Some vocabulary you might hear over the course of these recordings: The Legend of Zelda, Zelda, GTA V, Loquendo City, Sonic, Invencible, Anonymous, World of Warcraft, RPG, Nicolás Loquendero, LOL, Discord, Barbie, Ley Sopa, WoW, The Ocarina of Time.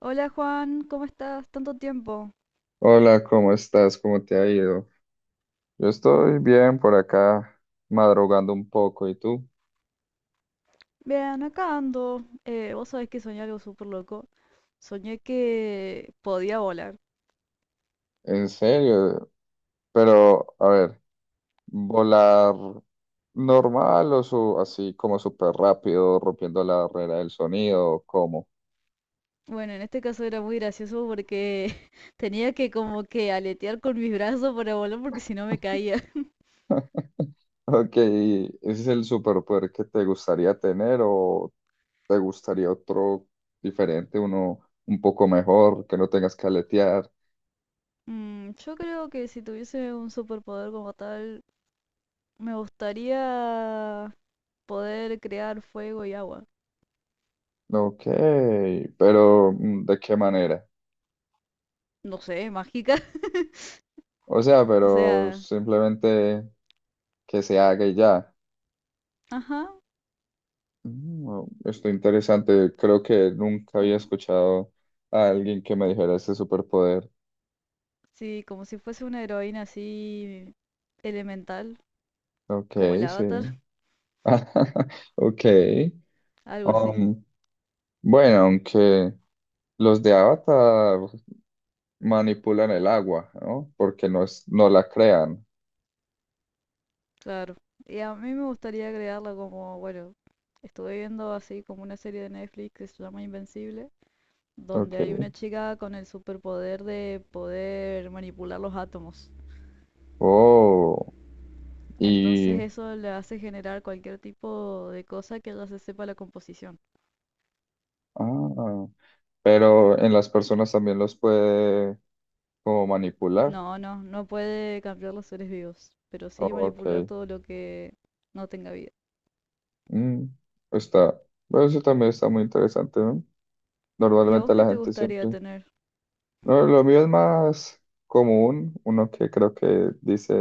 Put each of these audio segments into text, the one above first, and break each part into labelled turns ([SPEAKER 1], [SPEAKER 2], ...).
[SPEAKER 1] Hola Juan, ¿cómo estás? Tanto tiempo.
[SPEAKER 2] Hola, ¿cómo estás? ¿Cómo te ha ido? Yo estoy bien por acá, madrugando un poco. ¿Y tú?
[SPEAKER 1] Bien, acá ando. Vos sabés que soñé algo súper loco. Soñé que podía volar.
[SPEAKER 2] ¿En serio? Pero, a ver, ¿volar normal o así como súper rápido, rompiendo la barrera del sonido? O ¿Cómo?
[SPEAKER 1] Bueno, en este caso era muy gracioso porque tenía que como que aletear con mis brazos para volar porque si no me caía.
[SPEAKER 2] Ok, ¿ese es el superpoder que te gustaría tener o te gustaría otro diferente, uno un poco mejor, que no tengas que aletear?
[SPEAKER 1] Yo creo que si tuviese un superpoder como tal, me gustaría poder crear fuego y agua.
[SPEAKER 2] Ok, pero ¿de qué manera?
[SPEAKER 1] No sé, mágica.
[SPEAKER 2] O sea,
[SPEAKER 1] O
[SPEAKER 2] pero
[SPEAKER 1] sea,
[SPEAKER 2] simplemente que se haga y ya.
[SPEAKER 1] ajá,
[SPEAKER 2] Esto interesante. Creo que nunca había
[SPEAKER 1] como,
[SPEAKER 2] escuchado a alguien que me dijera ese superpoder.
[SPEAKER 1] sí, como si fuese una heroína así elemental,
[SPEAKER 2] Ok,
[SPEAKER 1] como el
[SPEAKER 2] sí.
[SPEAKER 1] Avatar,
[SPEAKER 2] Ok.
[SPEAKER 1] algo así,
[SPEAKER 2] Um, bueno, aunque los de Avatar manipulan el agua, ¿no? Porque no es, no la crean.
[SPEAKER 1] claro. Y a mí me gustaría agregarla como, bueno, estuve viendo así como una serie de Netflix que se llama Invencible, donde
[SPEAKER 2] Ok.
[SPEAKER 1] hay una chica con el superpoder de poder manipular los átomos.
[SPEAKER 2] Oh,
[SPEAKER 1] Entonces
[SPEAKER 2] y...
[SPEAKER 1] eso le hace generar cualquier tipo de cosa que ella se sepa la composición.
[SPEAKER 2] Ah, pero en las personas también los puede como manipular.
[SPEAKER 1] No, no, no puede cambiar los seres vivos, pero sí
[SPEAKER 2] Ok.
[SPEAKER 1] manipular todo lo que no tenga vida.
[SPEAKER 2] Mm, Está, bueno, eso también está muy interesante, ¿no?
[SPEAKER 1] ¿Y a vos
[SPEAKER 2] Normalmente
[SPEAKER 1] qué
[SPEAKER 2] la
[SPEAKER 1] te
[SPEAKER 2] gente
[SPEAKER 1] gustaría
[SPEAKER 2] siempre,
[SPEAKER 1] tener?
[SPEAKER 2] no, lo mío es más común, uno que creo que dice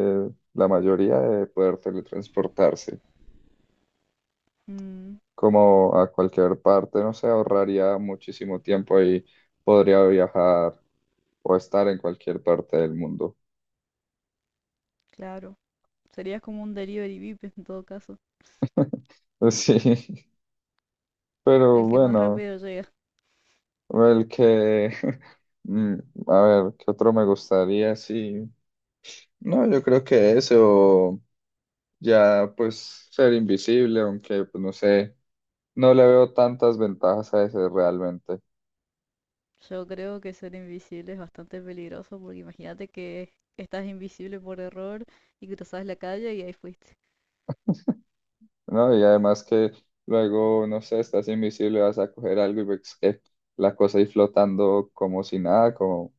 [SPEAKER 2] la mayoría, de poder teletransportarse,
[SPEAKER 1] Mm,
[SPEAKER 2] como a cualquier parte, no sé, ahorraría muchísimo tiempo y podría viajar o estar en cualquier parte del mundo.
[SPEAKER 1] claro. Serías como un delivery VIP en todo caso.
[SPEAKER 2] Sí, pero
[SPEAKER 1] El que más
[SPEAKER 2] bueno,
[SPEAKER 1] rápido llega.
[SPEAKER 2] el que, mm, a ver, ¿qué otro me gustaría? Sí. No, yo creo que eso, ya pues ser invisible, aunque pues no sé, no le veo tantas ventajas a ese realmente,
[SPEAKER 1] Yo creo que ser invisible es bastante peligroso porque imagínate que estás invisible por error y cruzas la calle y ahí fuiste.
[SPEAKER 2] ¿no? Y además que luego, no sé, estás invisible, vas a coger algo y ves que la cosa ahí flotando como si nada, como,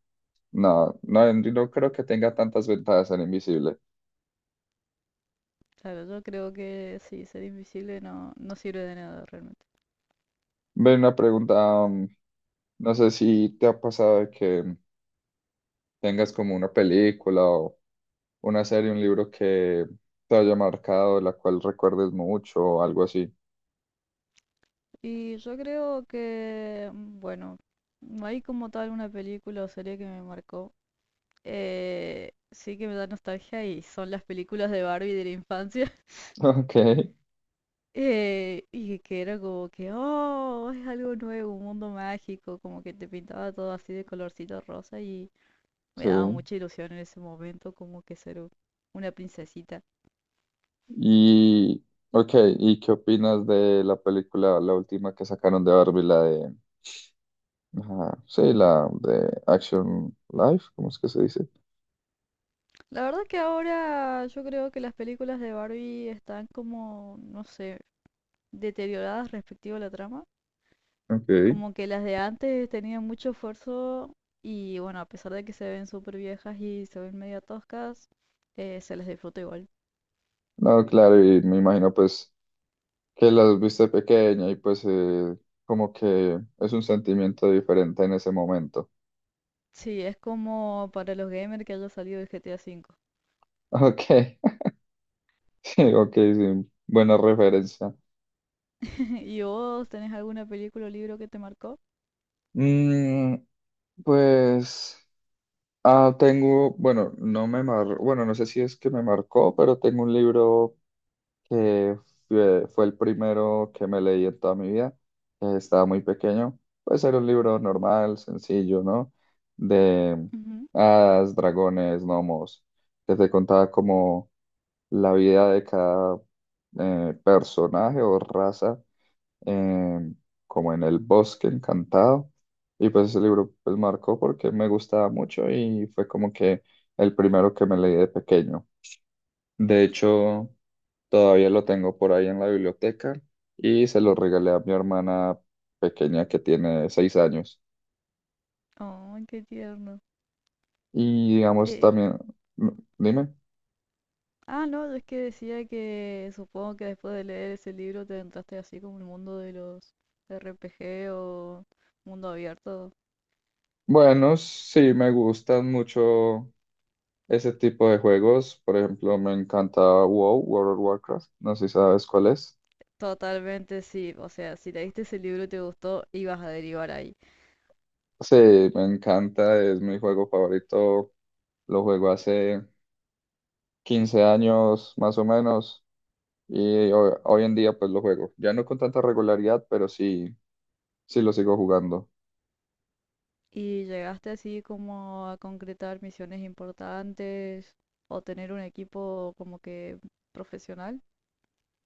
[SPEAKER 2] no, no, no creo que tenga tantas ventajas ser invisible.
[SPEAKER 1] Claro, yo creo que sí, ser invisible no, no sirve de nada realmente.
[SPEAKER 2] Ven, una pregunta, no sé si te ha pasado de que tengas como una película o... una serie, un libro que te haya marcado, la cual recuerdes mucho o algo así.
[SPEAKER 1] Y yo creo que, mm, bueno, no hay como tal una película o serie que me marcó. Sí que me da nostalgia y son las películas de Barbie de la infancia.
[SPEAKER 2] Ok,
[SPEAKER 1] Y que era como que, oh, es algo nuevo, un mundo mágico, como que te pintaba todo así de colorcito rosa y me
[SPEAKER 2] sí.
[SPEAKER 1] daba mucha ilusión en ese momento como que ser una princesita.
[SPEAKER 2] Y, ok, ¿y qué opinas de la película, la última que sacaron de Barbie, la de, ajá, sí, la de Action Life, ¿cómo es que se dice?
[SPEAKER 1] La verdad que ahora yo creo que las películas de Barbie están como, no sé, deterioradas respecto a la trama.
[SPEAKER 2] Ok.
[SPEAKER 1] Como que las de antes tenían mucho esfuerzo y bueno, a pesar de que se ven súper viejas y se ven medio toscas, se las disfruta igual.
[SPEAKER 2] No, claro, y me imagino pues que las viste pequeña y pues como que es un sentimiento diferente en ese momento.
[SPEAKER 1] Sí, es como para los gamers que haya salido el GTA V.
[SPEAKER 2] Ok, sí, ok, sí, buena referencia.
[SPEAKER 1] ¿Y vos tenés alguna película o libro que te marcó?
[SPEAKER 2] Mm, pues tengo, bueno, bueno, no sé si es que me marcó, pero tengo un libro que fue el primero que me leí en toda mi vida. Estaba muy pequeño. Puede ser un libro normal, sencillo, ¿no? De
[SPEAKER 1] Ujú.
[SPEAKER 2] hadas, dragones, gnomos, que te contaba como la vida de cada personaje o raza em, como en el bosque encantado. Y pues ese libro pues marcó porque me gustaba mucho y fue como que el primero que me leí de pequeño. De hecho, todavía lo tengo por ahí en la biblioteca y se lo regalé a mi hermana pequeña que tiene 6 años.
[SPEAKER 1] Oh, qué tierno.
[SPEAKER 2] Y digamos
[SPEAKER 1] Eh,
[SPEAKER 2] también, mm, dime.
[SPEAKER 1] ah, no, es que decía que supongo que después de leer ese libro te entraste así como el mundo de los RPG o mundo abierto.
[SPEAKER 2] Bueno, sí, me gustan mucho ese tipo de juegos. Por ejemplo, me encanta WoW, World of Warcraft. No sé si sabes cuál es.
[SPEAKER 1] Totalmente sí, o sea, si leíste ese libro y te gustó, ibas a derivar ahí.
[SPEAKER 2] Sí, me encanta, es mi juego favorito. Lo juego hace 15 años más o menos y hoy en día pues lo juego. Ya no con tanta regularidad, pero sí, sí lo sigo jugando.
[SPEAKER 1] ¿Y llegaste así como a concretar misiones importantes o tener un equipo como que profesional?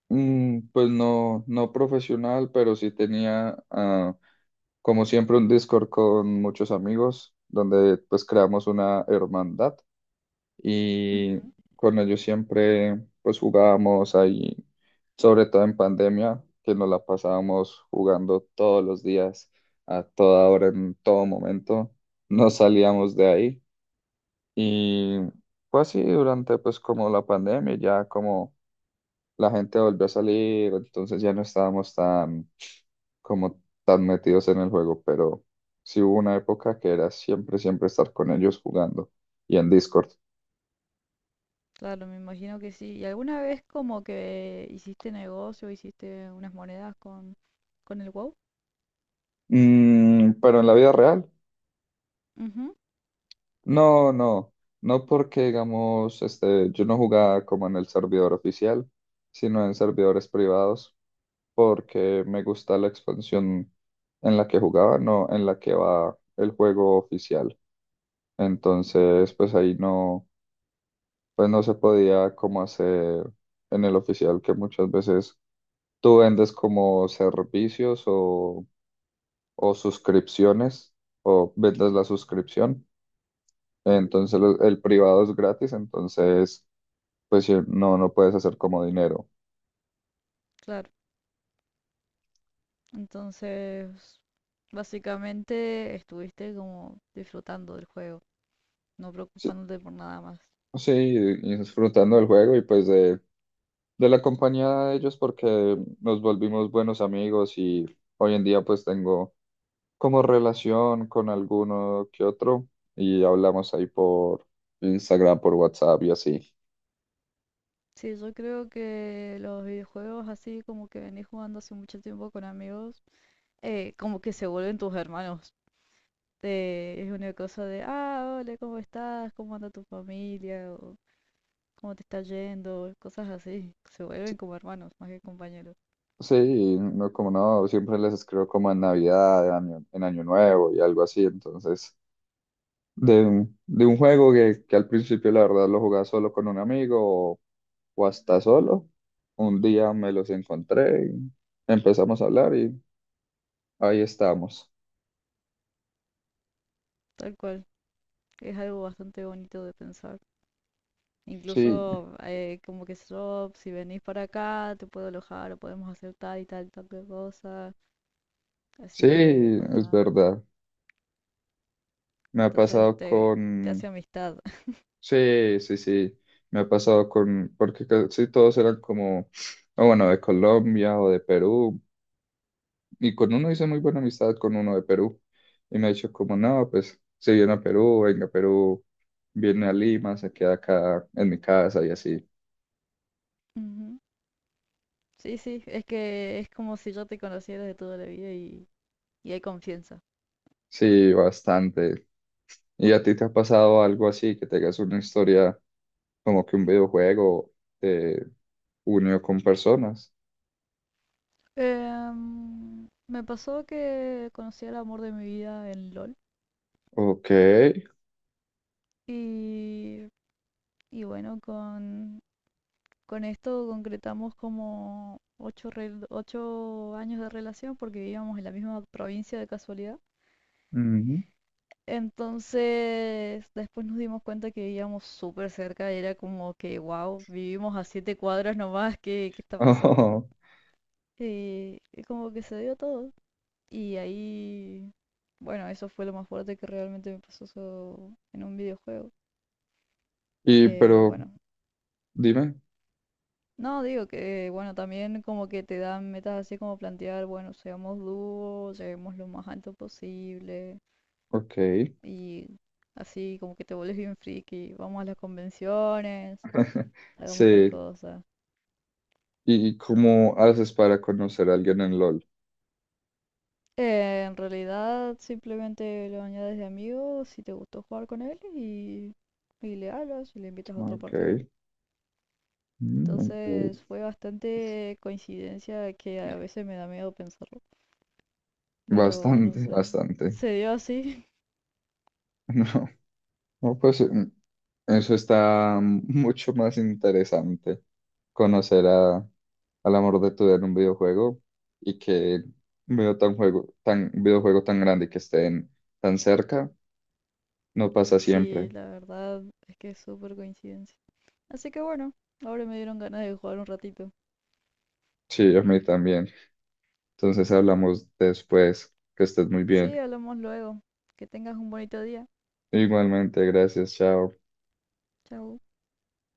[SPEAKER 2] Pues no, no profesional, pero sí tenía como siempre un Discord con muchos amigos donde pues creamos una hermandad y
[SPEAKER 1] Ujú,
[SPEAKER 2] con ellos siempre pues jugábamos ahí, sobre todo en pandemia, que nos la pasábamos jugando todos los días, a toda hora, en todo momento, no salíamos de ahí y fue así durante pues como la pandemia, ya como la gente volvió a salir, entonces ya no estábamos tan como tan metidos en el juego, pero sí hubo una época que era siempre, siempre estar con ellos jugando y en Discord.
[SPEAKER 1] claro, me imagino que sí. ¿Y alguna vez como que hiciste negocio, hiciste unas monedas con el WoW?
[SPEAKER 2] Mm, pero en la vida real.
[SPEAKER 1] Ujú,
[SPEAKER 2] No, no, no porque digamos, este, yo no jugaba como en el servidor oficial, sino en servidores privados, porque me gusta la expansión en la que jugaba, no en la que va el juego oficial.
[SPEAKER 1] ujú,
[SPEAKER 2] Entonces, pues ahí no, pues no se podía como hacer en el oficial, que muchas veces tú vendes como servicios o suscripciones, o vendes la suscripción. Entonces, el privado es gratis, entonces pues sí, no, no puedes hacer como dinero.
[SPEAKER 1] claro, entonces básicamente estuviste como disfrutando del juego, no
[SPEAKER 2] Sí,
[SPEAKER 1] preocupándote por nada más.
[SPEAKER 2] sí, y disfrutando del juego y pues de la compañía de ellos porque nos volvimos buenos amigos y hoy en día pues tengo como relación con alguno que otro y hablamos ahí por Instagram, por WhatsApp y así.
[SPEAKER 1] Sí, yo creo que los videojuegos así como que venís jugando hace mucho tiempo con amigos, como que se vuelven tus hermanos. Es una cosa de, ah, hola, ¿cómo estás? ¿Cómo anda tu familia? O, ¿cómo te está yendo? Cosas así. Se vuelven como hermanos, más que compañeros.
[SPEAKER 2] Sí, y no como no, siempre les escribo como en Navidad, en Año Nuevo y algo así, entonces de un juego que al principio la verdad lo jugaba solo con un amigo o hasta solo. Un día me los encontré y empezamos a hablar y ahí estamos.
[SPEAKER 1] Tal cual. Es algo bastante bonito de pensar.
[SPEAKER 2] Sí,
[SPEAKER 1] Incluso como que yo, si venís para acá, te puedo alojar o podemos hacer tal y tal, tal cosa.
[SPEAKER 2] sí,
[SPEAKER 1] Así que
[SPEAKER 2] es
[SPEAKER 1] contá.
[SPEAKER 2] verdad. Me ha
[SPEAKER 1] Entonces
[SPEAKER 2] pasado
[SPEAKER 1] te hace
[SPEAKER 2] con...
[SPEAKER 1] amistad.
[SPEAKER 2] Sí, sí, sí. Me ha pasado con... Porque casi todos eran como, o bueno, de Colombia o de Perú. Y con uno hice muy buena amistad, con uno de Perú. Y me ha dicho como, no, pues si viene a Perú, venga a Perú, viene a Lima, se queda acá en mi casa y así.
[SPEAKER 1] Ujú. Sí, sí, es que es como si yo te conociera de toda la vida y hay confianza.
[SPEAKER 2] Sí, bastante. ¿Y a ti te ha pasado algo así, que tengas una historia como que un videojuego te unió con personas?
[SPEAKER 1] Me pasó que conocí al amor de mi vida en LOL
[SPEAKER 2] Ok.
[SPEAKER 1] y, y bueno, con esto concretamos como ocho, 8 años de relación porque vivíamos en la misma provincia de casualidad.
[SPEAKER 2] Ujú.
[SPEAKER 1] Entonces, después nos dimos cuenta que vivíamos súper cerca y era como que, wow, vivimos a 7 cuadras nomás, ¿qué está pasando?
[SPEAKER 2] Ojo.
[SPEAKER 1] Y como que se dio todo. Y ahí, bueno, eso fue lo más fuerte que realmente me pasó en un videojuego.
[SPEAKER 2] Y
[SPEAKER 1] Que
[SPEAKER 2] pero
[SPEAKER 1] bueno,
[SPEAKER 2] dime,
[SPEAKER 1] no digo que, bueno, también como que te dan metas así como plantear, bueno, seamos dúo, lleguemos lo más alto posible.
[SPEAKER 2] ok.
[SPEAKER 1] Y así como que te vuelves bien friki, vamos a las convenciones, hagamos tal
[SPEAKER 2] Sí.
[SPEAKER 1] cosa.
[SPEAKER 2] ¿Y cómo haces para conocer a alguien en LOL?
[SPEAKER 1] En realidad simplemente lo añades de amigo si te gustó jugar con él y le hablas y le invitas a otra partida.
[SPEAKER 2] Ok. Mm, ok.
[SPEAKER 1] Entonces fue bastante coincidencia que a veces me da miedo pensarlo. Pero bueno,
[SPEAKER 2] Bastante,
[SPEAKER 1] se,
[SPEAKER 2] bastante.
[SPEAKER 1] se dio así.
[SPEAKER 2] No, no, pues eso está mucho más interesante, conocer a, al amor de tu vida en un videojuego y que un videojuego tan grande y que estén tan cerca, no pasa siempre.
[SPEAKER 1] Sí, la verdad es que es súper coincidencia. Así que bueno, ahora me dieron ganas de jugar un ratito.
[SPEAKER 2] Sí, a mí también. Entonces hablamos después. Que estés muy
[SPEAKER 1] Sí,
[SPEAKER 2] bien.
[SPEAKER 1] hablamos luego. Que tengas un bonito día.
[SPEAKER 2] Igualmente, gracias, chao.
[SPEAKER 1] Chau.